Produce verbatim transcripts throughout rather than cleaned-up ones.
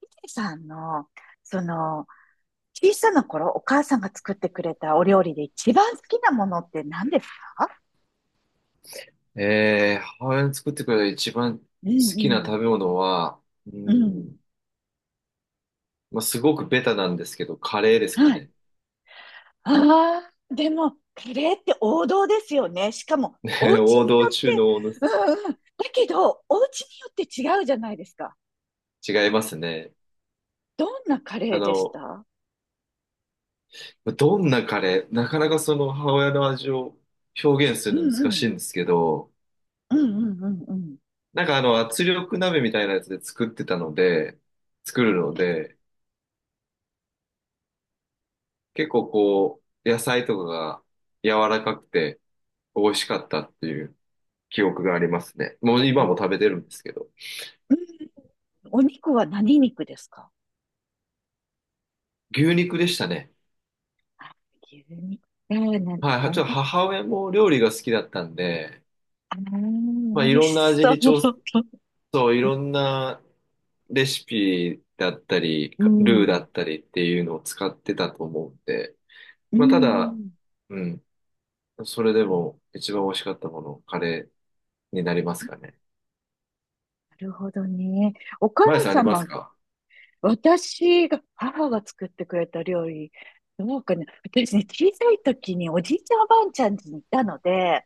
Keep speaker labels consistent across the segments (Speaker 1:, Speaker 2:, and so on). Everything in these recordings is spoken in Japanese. Speaker 1: ヒデさんの、その、小さな頃、お母さんが作ってくれたお料理で一番好きなものって何ですか？
Speaker 2: えー、母親に作ってくれた一番好
Speaker 1: う
Speaker 2: きな食
Speaker 1: ん
Speaker 2: べ物は、う
Speaker 1: うん。うん。
Speaker 2: ん、まあ、すごくベタなんですけど、カレーですか
Speaker 1: はい。
Speaker 2: ね。
Speaker 1: ああ、でも、カレーって王道ですよね。しかも、お 家
Speaker 2: 王
Speaker 1: に
Speaker 2: 道
Speaker 1: よっ
Speaker 2: 中
Speaker 1: て、
Speaker 2: の王道で
Speaker 1: う
Speaker 2: す。
Speaker 1: んうん。だけど、お家によって違うじゃないですか。
Speaker 2: 違いますね。
Speaker 1: どんなカレ
Speaker 2: あ
Speaker 1: ーでし
Speaker 2: の、
Speaker 1: た？
Speaker 2: どんなカレー、なかなかその母親の味を表現す
Speaker 1: う
Speaker 2: るの
Speaker 1: んう
Speaker 2: 難し
Speaker 1: ん。
Speaker 2: いんですけど、
Speaker 1: うんうんうんうん。
Speaker 2: なんかあの圧力鍋みたいなやつで作ってたので、作るので、結構こう、野菜とかが柔らかくて美味しかったっていう記憶がありますね。も
Speaker 1: お
Speaker 2: う今も食
Speaker 1: お。
Speaker 2: べてるんですけど。
Speaker 1: うん。お肉は何肉ですか？
Speaker 2: 牛肉でしたね。
Speaker 1: あ、牛肉。えー、なん
Speaker 2: は
Speaker 1: か
Speaker 2: い、はち
Speaker 1: 本
Speaker 2: ょっと
Speaker 1: 格
Speaker 2: 母親も料理が好きだったんで、
Speaker 1: あ
Speaker 2: まあ、
Speaker 1: ー、
Speaker 2: い
Speaker 1: 美味
Speaker 2: ろんな
Speaker 1: し
Speaker 2: 味
Speaker 1: そ
Speaker 2: に調
Speaker 1: う。
Speaker 2: そう、いろ んなレシピだったり、
Speaker 1: う
Speaker 2: かルーだ
Speaker 1: ん。
Speaker 2: ったりっていうのを使ってたと思うんで、
Speaker 1: う
Speaker 2: まあ、ただ、
Speaker 1: ん。
Speaker 2: うん、それでも一番美味しかったもの、カレーになりますかね。
Speaker 1: なるほどね。お母
Speaker 2: マヤさんあります
Speaker 1: 様、
Speaker 2: か？
Speaker 1: 私が、母が作ってくれた料理、どうかね。私ね、小さい時におじいちゃんおばあちゃん家にいたので、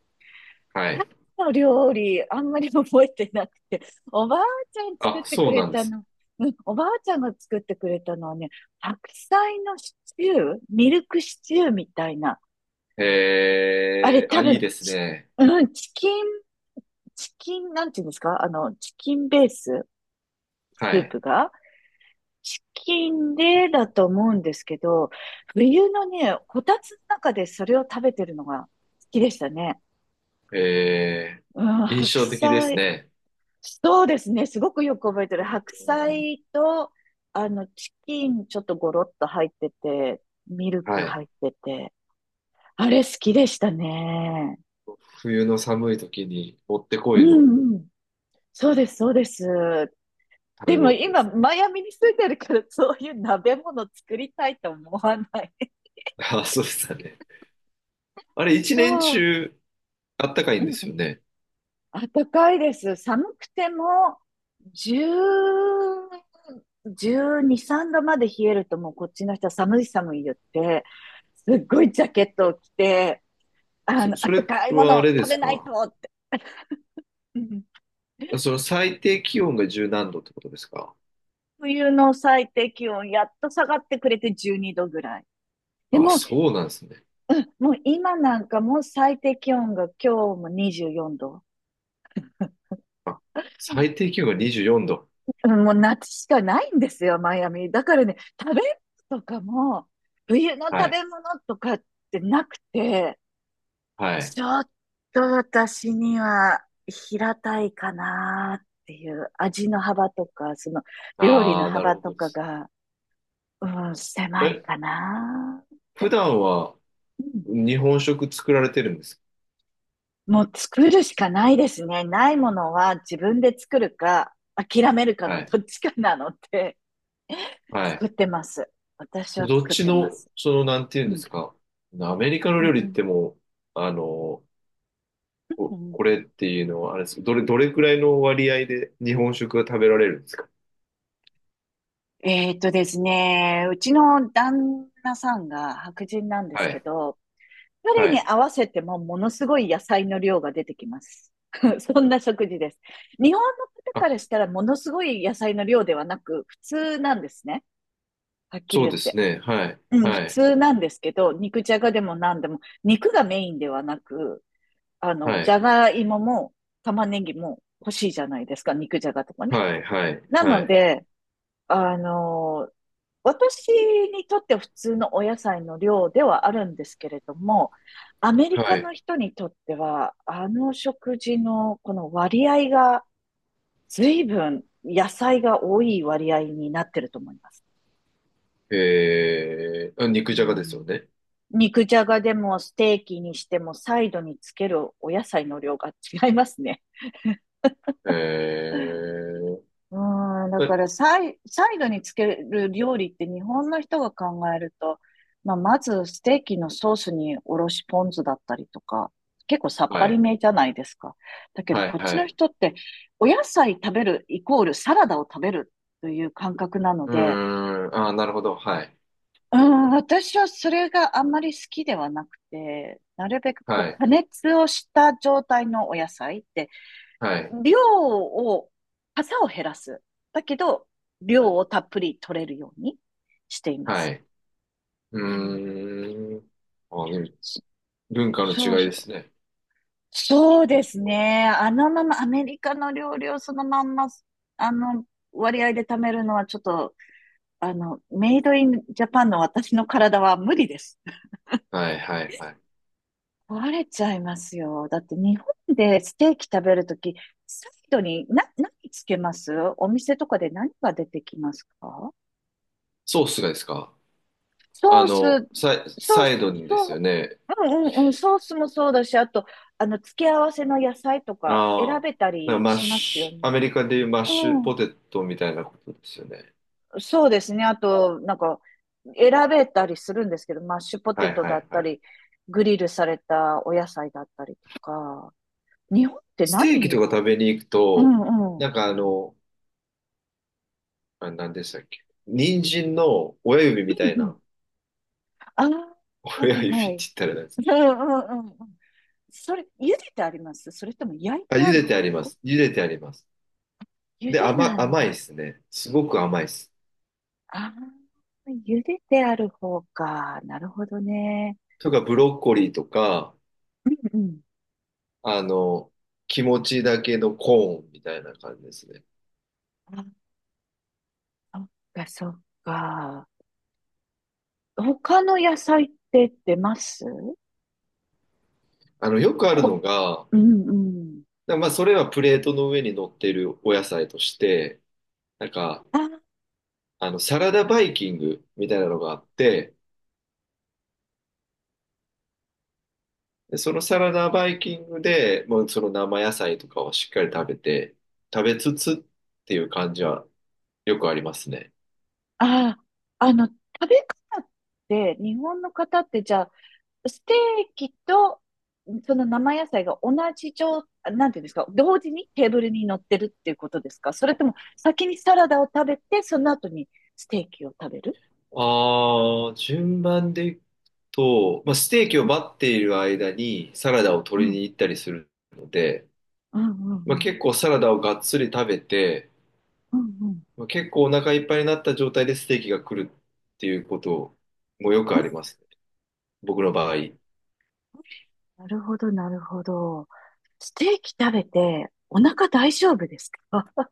Speaker 2: はい。
Speaker 1: 母の料理、あんまり覚えてなくて、おばあちゃん作
Speaker 2: あ、
Speaker 1: ってく
Speaker 2: そう
Speaker 1: れ
Speaker 2: なんで
Speaker 1: た
Speaker 2: す。
Speaker 1: の、うん、おばあちゃんが作ってくれたのはね、白菜のシチュー、ミルクシチューみたいな。あれ
Speaker 2: えー、あ、
Speaker 1: 多
Speaker 2: いい
Speaker 1: 分、
Speaker 2: です
Speaker 1: チ
Speaker 2: ね。
Speaker 1: うん、チキンチキン、なんていうんですか、あの、チキンベース、ス
Speaker 2: は
Speaker 1: ー
Speaker 2: い。
Speaker 1: プが、チキンでだと思うんですけど、冬のね、こたつの中でそれを食べてるのが好きでしたね。
Speaker 2: え
Speaker 1: うん、
Speaker 2: ー、印
Speaker 1: 白
Speaker 2: 象的です
Speaker 1: 菜、
Speaker 2: ね。
Speaker 1: そうですね、すごくよく覚えてる。
Speaker 2: う
Speaker 1: 白
Speaker 2: ん、
Speaker 1: 菜と、あの、チキンちょっとゴロッと入ってて、ミルク
Speaker 2: はい。
Speaker 1: 入ってて、あれ好きでしたね。
Speaker 2: 冬の寒い時にもってこ
Speaker 1: う
Speaker 2: いの
Speaker 1: んうん。そうです、そうです。
Speaker 2: 食
Speaker 1: で
Speaker 2: べ
Speaker 1: も
Speaker 2: 物で
Speaker 1: 今、
Speaker 2: す。
Speaker 1: マイアミに住んでるから、そういう鍋物作りたいと思わない。
Speaker 2: ああ、そうでしたね。あれ、一
Speaker 1: そ
Speaker 2: 年
Speaker 1: う。
Speaker 2: 中あったかい
Speaker 1: う
Speaker 2: んで
Speaker 1: んう
Speaker 2: すよ
Speaker 1: ん。
Speaker 2: ね。
Speaker 1: 暖かいです。寒くても、じゅう、じゅうに、さんどまで冷えるともうこっちの人は寒い寒い言って、すっごいジャケットを着て、あ
Speaker 2: そ、
Speaker 1: の、
Speaker 2: そ
Speaker 1: 暖
Speaker 2: れ
Speaker 1: かいも
Speaker 2: は
Speaker 1: の
Speaker 2: あ
Speaker 1: を
Speaker 2: れで
Speaker 1: 食
Speaker 2: す
Speaker 1: べない
Speaker 2: か？
Speaker 1: とって。うん。
Speaker 2: その最低気温が十何度ってことですか？
Speaker 1: 冬の最低気温、やっと下がってくれてじゅうにどぐらい。で
Speaker 2: あ、
Speaker 1: も、
Speaker 2: そうなんですね。
Speaker 1: もう今なんかもう最低気温が今日もにじゅうよんど。
Speaker 2: あ、最低気温がにじゅうよんど。
Speaker 1: うん、もう夏しかないんですよ、マイアミ。だからね、食べ物とかも、冬の
Speaker 2: は
Speaker 1: 食
Speaker 2: い。
Speaker 1: べ物とかってなくて、
Speaker 2: はい。
Speaker 1: ちょっと私には平たいかなっていう味の幅とか、その料理の
Speaker 2: ああ、なる
Speaker 1: 幅
Speaker 2: ほ
Speaker 1: と
Speaker 2: どで
Speaker 1: か
Speaker 2: す。
Speaker 1: が、うん、狭い
Speaker 2: え、
Speaker 1: かなっ
Speaker 2: 普
Speaker 1: て。
Speaker 2: 段は
Speaker 1: うん。
Speaker 2: 日本食作られてるんです
Speaker 1: もう作るしかないですね。ないものは自分で作るか、諦めるか
Speaker 2: か？は
Speaker 1: の
Speaker 2: い。
Speaker 1: どっちかなので、
Speaker 2: は
Speaker 1: 作
Speaker 2: い。
Speaker 1: ってます。私は
Speaker 2: どっ
Speaker 1: 作っ
Speaker 2: ち
Speaker 1: てま
Speaker 2: の、
Speaker 1: す。
Speaker 2: その、なんていう
Speaker 1: う
Speaker 2: んで
Speaker 1: ん
Speaker 2: すか。アメリカの
Speaker 1: う
Speaker 2: 料
Speaker 1: んう
Speaker 2: 理っ
Speaker 1: ん。
Speaker 2: てもう、あの、
Speaker 1: う
Speaker 2: こ、こ
Speaker 1: ん。
Speaker 2: れっていうのは、あれですか、どれ、どれくらいの割合で日本食が食べられるんですか？
Speaker 1: えーっとですね、うちの旦那さんが白人なんです
Speaker 2: は
Speaker 1: け
Speaker 2: い、
Speaker 1: ど、彼
Speaker 2: は
Speaker 1: に
Speaker 2: い。
Speaker 1: 合わせてもものすごい野菜の量が出てきます。そんな食事です。日本の方
Speaker 2: あ、
Speaker 1: からしたらものすごい野菜の量ではなく、普通なんですね。はっきり
Speaker 2: そう
Speaker 1: 言っ
Speaker 2: です
Speaker 1: て。
Speaker 2: ね。はい、
Speaker 1: うん、普
Speaker 2: はい、
Speaker 1: 通なんですけど、肉じゃがでも何でも、肉がメインではなく、あの、
Speaker 2: は
Speaker 1: じ
Speaker 2: い、
Speaker 1: ゃがいもも玉ねぎも欲しいじゃないですか、肉じゃがとかね。
Speaker 2: はい、はい、
Speaker 1: な
Speaker 2: は
Speaker 1: の
Speaker 2: い、
Speaker 1: で、あの、私にとっては普通のお野菜の量ではあるんですけれども、アメリカ
Speaker 2: はい。
Speaker 1: の人にとっては、あの食事のこの割合が随分野菜が多い割合になってると思います。
Speaker 2: えー、あ
Speaker 1: う
Speaker 2: 肉じゃがですよ
Speaker 1: ん。
Speaker 2: ね。
Speaker 1: 肉じゃがでもステーキにしてもサイドにつけるお野菜の量が違いますね。
Speaker 2: えー、
Speaker 1: うん、だから
Speaker 2: え、
Speaker 1: サイ、サイドにつける料理って日本の人が考えると、まあ、まずステーキのソースにおろしポン酢だったりとか、結構さっぱ
Speaker 2: は
Speaker 1: り
Speaker 2: い、
Speaker 1: めじゃないですか。だけど
Speaker 2: はい、
Speaker 1: こっち
Speaker 2: は
Speaker 1: の
Speaker 2: い。
Speaker 1: 人ってお野菜食べるイコールサラダを食べるという感覚なの
Speaker 2: うー
Speaker 1: で、
Speaker 2: ん、あー、なるほど。はい、
Speaker 1: うん、私はそれがあんまり好きではなくて、なるべくこ
Speaker 2: は
Speaker 1: う
Speaker 2: い、
Speaker 1: 加熱をした状態のお野菜って
Speaker 2: はい、
Speaker 1: 量を、傘を減らす。だけど、
Speaker 2: は
Speaker 1: 量
Speaker 2: い。
Speaker 1: をたっぷり取れるようにしていま
Speaker 2: は
Speaker 1: す。
Speaker 2: い、う
Speaker 1: うん。
Speaker 2: ーん。あー、なるほど、はい、はい、はい、はい、うーん、あ、でも
Speaker 1: そ
Speaker 2: 文化の違
Speaker 1: そう
Speaker 2: い
Speaker 1: そ
Speaker 2: で
Speaker 1: う。
Speaker 2: すね。
Speaker 1: そうですね。あのまま、アメリカの料理をそのまんま、あの、割合で貯めるのはちょっと、あの、メイドインジャパンの私の体は無理です。
Speaker 2: はい、はい、はい。
Speaker 1: 壊れちゃいますよ。だって日本でステーキ食べるとき、サイドにな、何つけますお店とかで何が出てきますか？
Speaker 2: ソースがですか？
Speaker 1: ソ
Speaker 2: あ
Speaker 1: ース、
Speaker 2: の、サイ、
Speaker 1: ソー
Speaker 2: サイ
Speaker 1: ス、
Speaker 2: ドにです
Speaker 1: そ
Speaker 2: よ
Speaker 1: う、
Speaker 2: ね。
Speaker 1: うんうんうん、ソースもそうだし、あと、あの、付け合わせの野菜とか選
Speaker 2: ああ、
Speaker 1: べた
Speaker 2: なんか
Speaker 1: り
Speaker 2: マッ
Speaker 1: しますよ
Speaker 2: シュ、ア
Speaker 1: ね。
Speaker 2: メリカでいうマッシ
Speaker 1: う
Speaker 2: ュ
Speaker 1: ん。
Speaker 2: ポテトみたいなことですよね。
Speaker 1: そうですね。あと、なんか、選べたりするんですけど、マッシュポテ
Speaker 2: はい
Speaker 1: ト
Speaker 2: は
Speaker 1: だっ
Speaker 2: いは
Speaker 1: た
Speaker 2: い。
Speaker 1: り、グリルされたお野菜だったりとか、日本って
Speaker 2: ステーキと
Speaker 1: 何？
Speaker 2: か食べに行く
Speaker 1: うん
Speaker 2: と、
Speaker 1: うん。うん
Speaker 2: なんかあの、あ、何でしたっけ。人参の親指み
Speaker 1: う
Speaker 2: たい
Speaker 1: ん。
Speaker 2: な、
Speaker 1: あ あ、は
Speaker 2: 親
Speaker 1: い
Speaker 2: 指っ
Speaker 1: は
Speaker 2: て言っ
Speaker 1: い。
Speaker 2: たらなんです。
Speaker 1: うんうんうんうん。それ、茹でてありますそれとも焼い
Speaker 2: あ、
Speaker 1: てあ
Speaker 2: 茹
Speaker 1: る
Speaker 2: でてあ
Speaker 1: 方？
Speaker 2: ります。茹でてあります。
Speaker 1: 茹
Speaker 2: で、
Speaker 1: でな
Speaker 2: 甘、
Speaker 1: ん
Speaker 2: 甘いで
Speaker 1: だ。
Speaker 2: すね。すごく甘いです。
Speaker 1: ああ、茹でてある方か。なるほどね。
Speaker 2: とか、ブロッコリーとか、
Speaker 1: うんうん。
Speaker 2: あの、気持ちだけのコーンみたいな感じですね。
Speaker 1: あ、そっか、そっか。他の野菜って出ます
Speaker 2: あの、よくある
Speaker 1: ほ、
Speaker 2: のが、
Speaker 1: うんうん。
Speaker 2: だまあ、それはプレートの上に乗っているお野菜として、なんか、
Speaker 1: あ、
Speaker 2: あの、サラダバイキングみたいなのがあって、でそのサラダバイキングで、もうその生野菜とかをしっかり食べて、食べつつっていう感じはよくありますね。
Speaker 1: あ、あの、食べ方って、日本の方ってじゃあ、ステーキと、その生野菜が同じ状、なんていうんですか、同時にテーブルに乗ってるっていうことですか？それとも先にサラダを食べて、その後にステーキを食べる？
Speaker 2: ああ、順番でいくと、まあ、ステーキを
Speaker 1: うん
Speaker 2: バッている間にサラダを
Speaker 1: う
Speaker 2: 取りに
Speaker 1: ん
Speaker 2: 行ったりするので、
Speaker 1: うんう
Speaker 2: まあ、
Speaker 1: んうん。
Speaker 2: 結構サラダをがっつり食べて、
Speaker 1: うんうん。
Speaker 2: まあ、結構お腹いっぱいになった状態でステーキが来るっていうこともよくあ
Speaker 1: え、
Speaker 2: りますね。僕の場合。
Speaker 1: なるほど、なるほど。ステーキ食べてお腹大丈夫ですか？あ、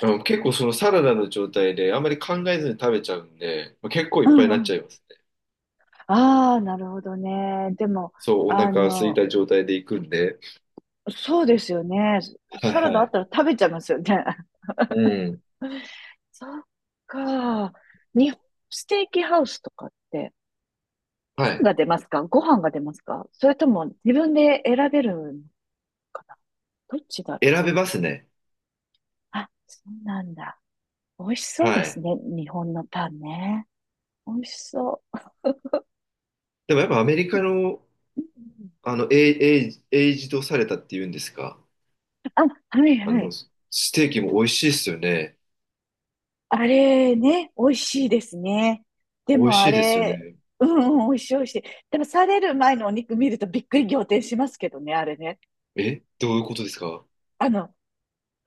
Speaker 2: あの結構そのサラダの状態であんまり考えずに食べちゃうんで、まあ、結構
Speaker 1: う
Speaker 2: いっぱい
Speaker 1: ん
Speaker 2: になっ
Speaker 1: うん。
Speaker 2: ちゃいますね。
Speaker 1: ああ、なるほどね。でも、
Speaker 2: そう、お
Speaker 1: あ
Speaker 2: 腹空い
Speaker 1: の、
Speaker 2: た状態で行くんで。
Speaker 1: そうですよね。
Speaker 2: はい
Speaker 1: サラダ
Speaker 2: は
Speaker 1: あっ
Speaker 2: い。
Speaker 1: たら食べちゃいますよね。
Speaker 2: うん。
Speaker 1: そっか。日本ステーキハウスとかって、
Speaker 2: は
Speaker 1: パン
Speaker 2: い。
Speaker 1: が出ますか？ご飯が出ますか？それとも自分で選べるのかな、どっちだろ
Speaker 2: 選
Speaker 1: う。
Speaker 2: べますね。
Speaker 1: あ、そうなんだ。美味しそうで
Speaker 2: は
Speaker 1: す
Speaker 2: い。
Speaker 1: ね。日本のパンね。美味しそ
Speaker 2: でもやっぱアメリカの、
Speaker 1: う。
Speaker 2: あの、エイ、エイエイジドされたっていうんですか。
Speaker 1: あ、はい
Speaker 2: あ
Speaker 1: は
Speaker 2: の、
Speaker 1: い。
Speaker 2: ステーキも美味しいですよね。
Speaker 1: あれね、美味しいですね。で
Speaker 2: 美味
Speaker 1: も
Speaker 2: し
Speaker 1: あ
Speaker 2: いですよ
Speaker 1: れ、
Speaker 2: ね。
Speaker 1: うんうん、美味しい美味しい。でもされる前のお肉見るとびっくり仰天しますけどね、あれね。
Speaker 2: え、どういうことですか？
Speaker 1: あの、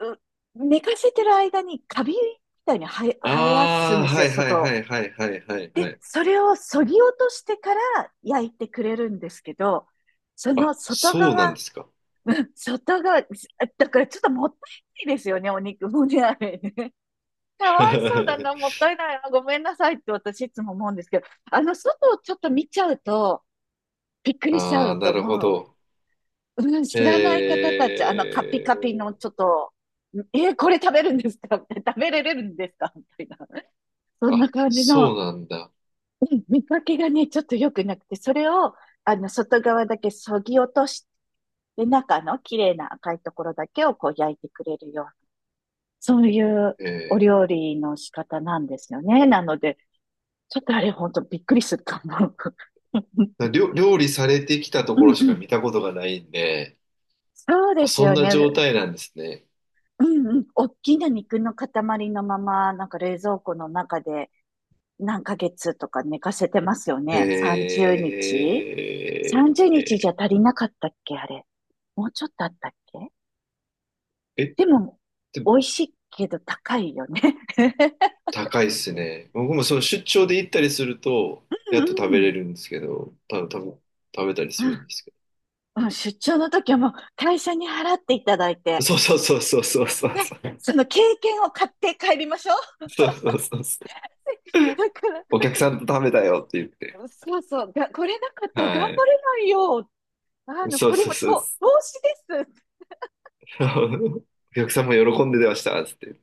Speaker 1: う寝かせてる間にカビみたいに生え、生やす
Speaker 2: あ
Speaker 1: ん
Speaker 2: あ、
Speaker 1: です
Speaker 2: は
Speaker 1: よ、
Speaker 2: いはい
Speaker 1: 外
Speaker 2: は
Speaker 1: を。
Speaker 2: いはいはいはい
Speaker 1: で、
Speaker 2: はい。
Speaker 1: それを削ぎ落としてから焼いてくれるんですけど、その
Speaker 2: あ、
Speaker 1: 外
Speaker 2: そうなん
Speaker 1: 側、
Speaker 2: ですか。
Speaker 1: 外側、だからちょっともったいないですよね、お肉もね、あれね。かわいそうだな、も ったいないな、ごめんなさいって私いつも思うんですけど、あの、外をちょっと見ちゃうと、びっくりしちゃ
Speaker 2: ああ、
Speaker 1: う
Speaker 2: な
Speaker 1: と
Speaker 2: るほ
Speaker 1: 思う。
Speaker 2: ど。
Speaker 1: うん、
Speaker 2: え
Speaker 1: 知らない方たち、あの、カピ
Speaker 2: え、
Speaker 1: カピのちょっと、えーこれ食べるんですかって 食べれるんですかみたいな。そんな
Speaker 2: あ、
Speaker 1: 感じ
Speaker 2: そ
Speaker 1: の、
Speaker 2: うなんだ。
Speaker 1: うん、見かけがね、ちょっと良くなくて、それを、あの、外側だけそぎ落として、中の綺麗な赤いところだけをこう焼いてくれるような、そういうお
Speaker 2: え
Speaker 1: 料理の仕方なんですよね。なので、ちょっとあれ、ほんとびっくりするかも。
Speaker 2: え、料料理されてきたと
Speaker 1: う
Speaker 2: こ
Speaker 1: ん
Speaker 2: ろし
Speaker 1: う
Speaker 2: か
Speaker 1: ん。
Speaker 2: 見たことがないんで、
Speaker 1: そうで
Speaker 2: あ、
Speaker 1: す
Speaker 2: そん
Speaker 1: よ
Speaker 2: な
Speaker 1: ね。
Speaker 2: 状態なんですね。
Speaker 1: うんうん。大きな肉の塊のまま、なんか冷蔵庫の中で何ヶ月とか寝かせてますよね。
Speaker 2: え
Speaker 1: さんじゅうにち ?さんじゅう 日
Speaker 2: え、
Speaker 1: じゃ足りなかったっけあれ。もうちょっとあったっけ？
Speaker 2: え、
Speaker 1: でも、
Speaker 2: で、
Speaker 1: 美味しいけど高いよね。
Speaker 2: 高いっすね。僕もその出張で行ったりすると、やっと
Speaker 1: う
Speaker 2: 食
Speaker 1: んう
Speaker 2: べ
Speaker 1: ん。
Speaker 2: れるんですけど、た多分食べたり
Speaker 1: う
Speaker 2: する
Speaker 1: ん
Speaker 2: んですけ
Speaker 1: うん。出張の時はもう会社に払っていただい
Speaker 2: ど。
Speaker 1: て、
Speaker 2: そうそうそうそうそう
Speaker 1: ね、
Speaker 2: そう。
Speaker 1: その経験を買って帰りましょう。
Speaker 2: そうそうそうそう。
Speaker 1: だから、
Speaker 2: お客さんと食べたよって言って。
Speaker 1: そうそう、が、これなかったら頑
Speaker 2: は
Speaker 1: 張
Speaker 2: い。
Speaker 1: れないよ。あの、
Speaker 2: そう
Speaker 1: これ
Speaker 2: そう
Speaker 1: も
Speaker 2: そうで
Speaker 1: と、
Speaker 2: す。
Speaker 1: 投資です
Speaker 2: お客さんも喜んでましたっつって。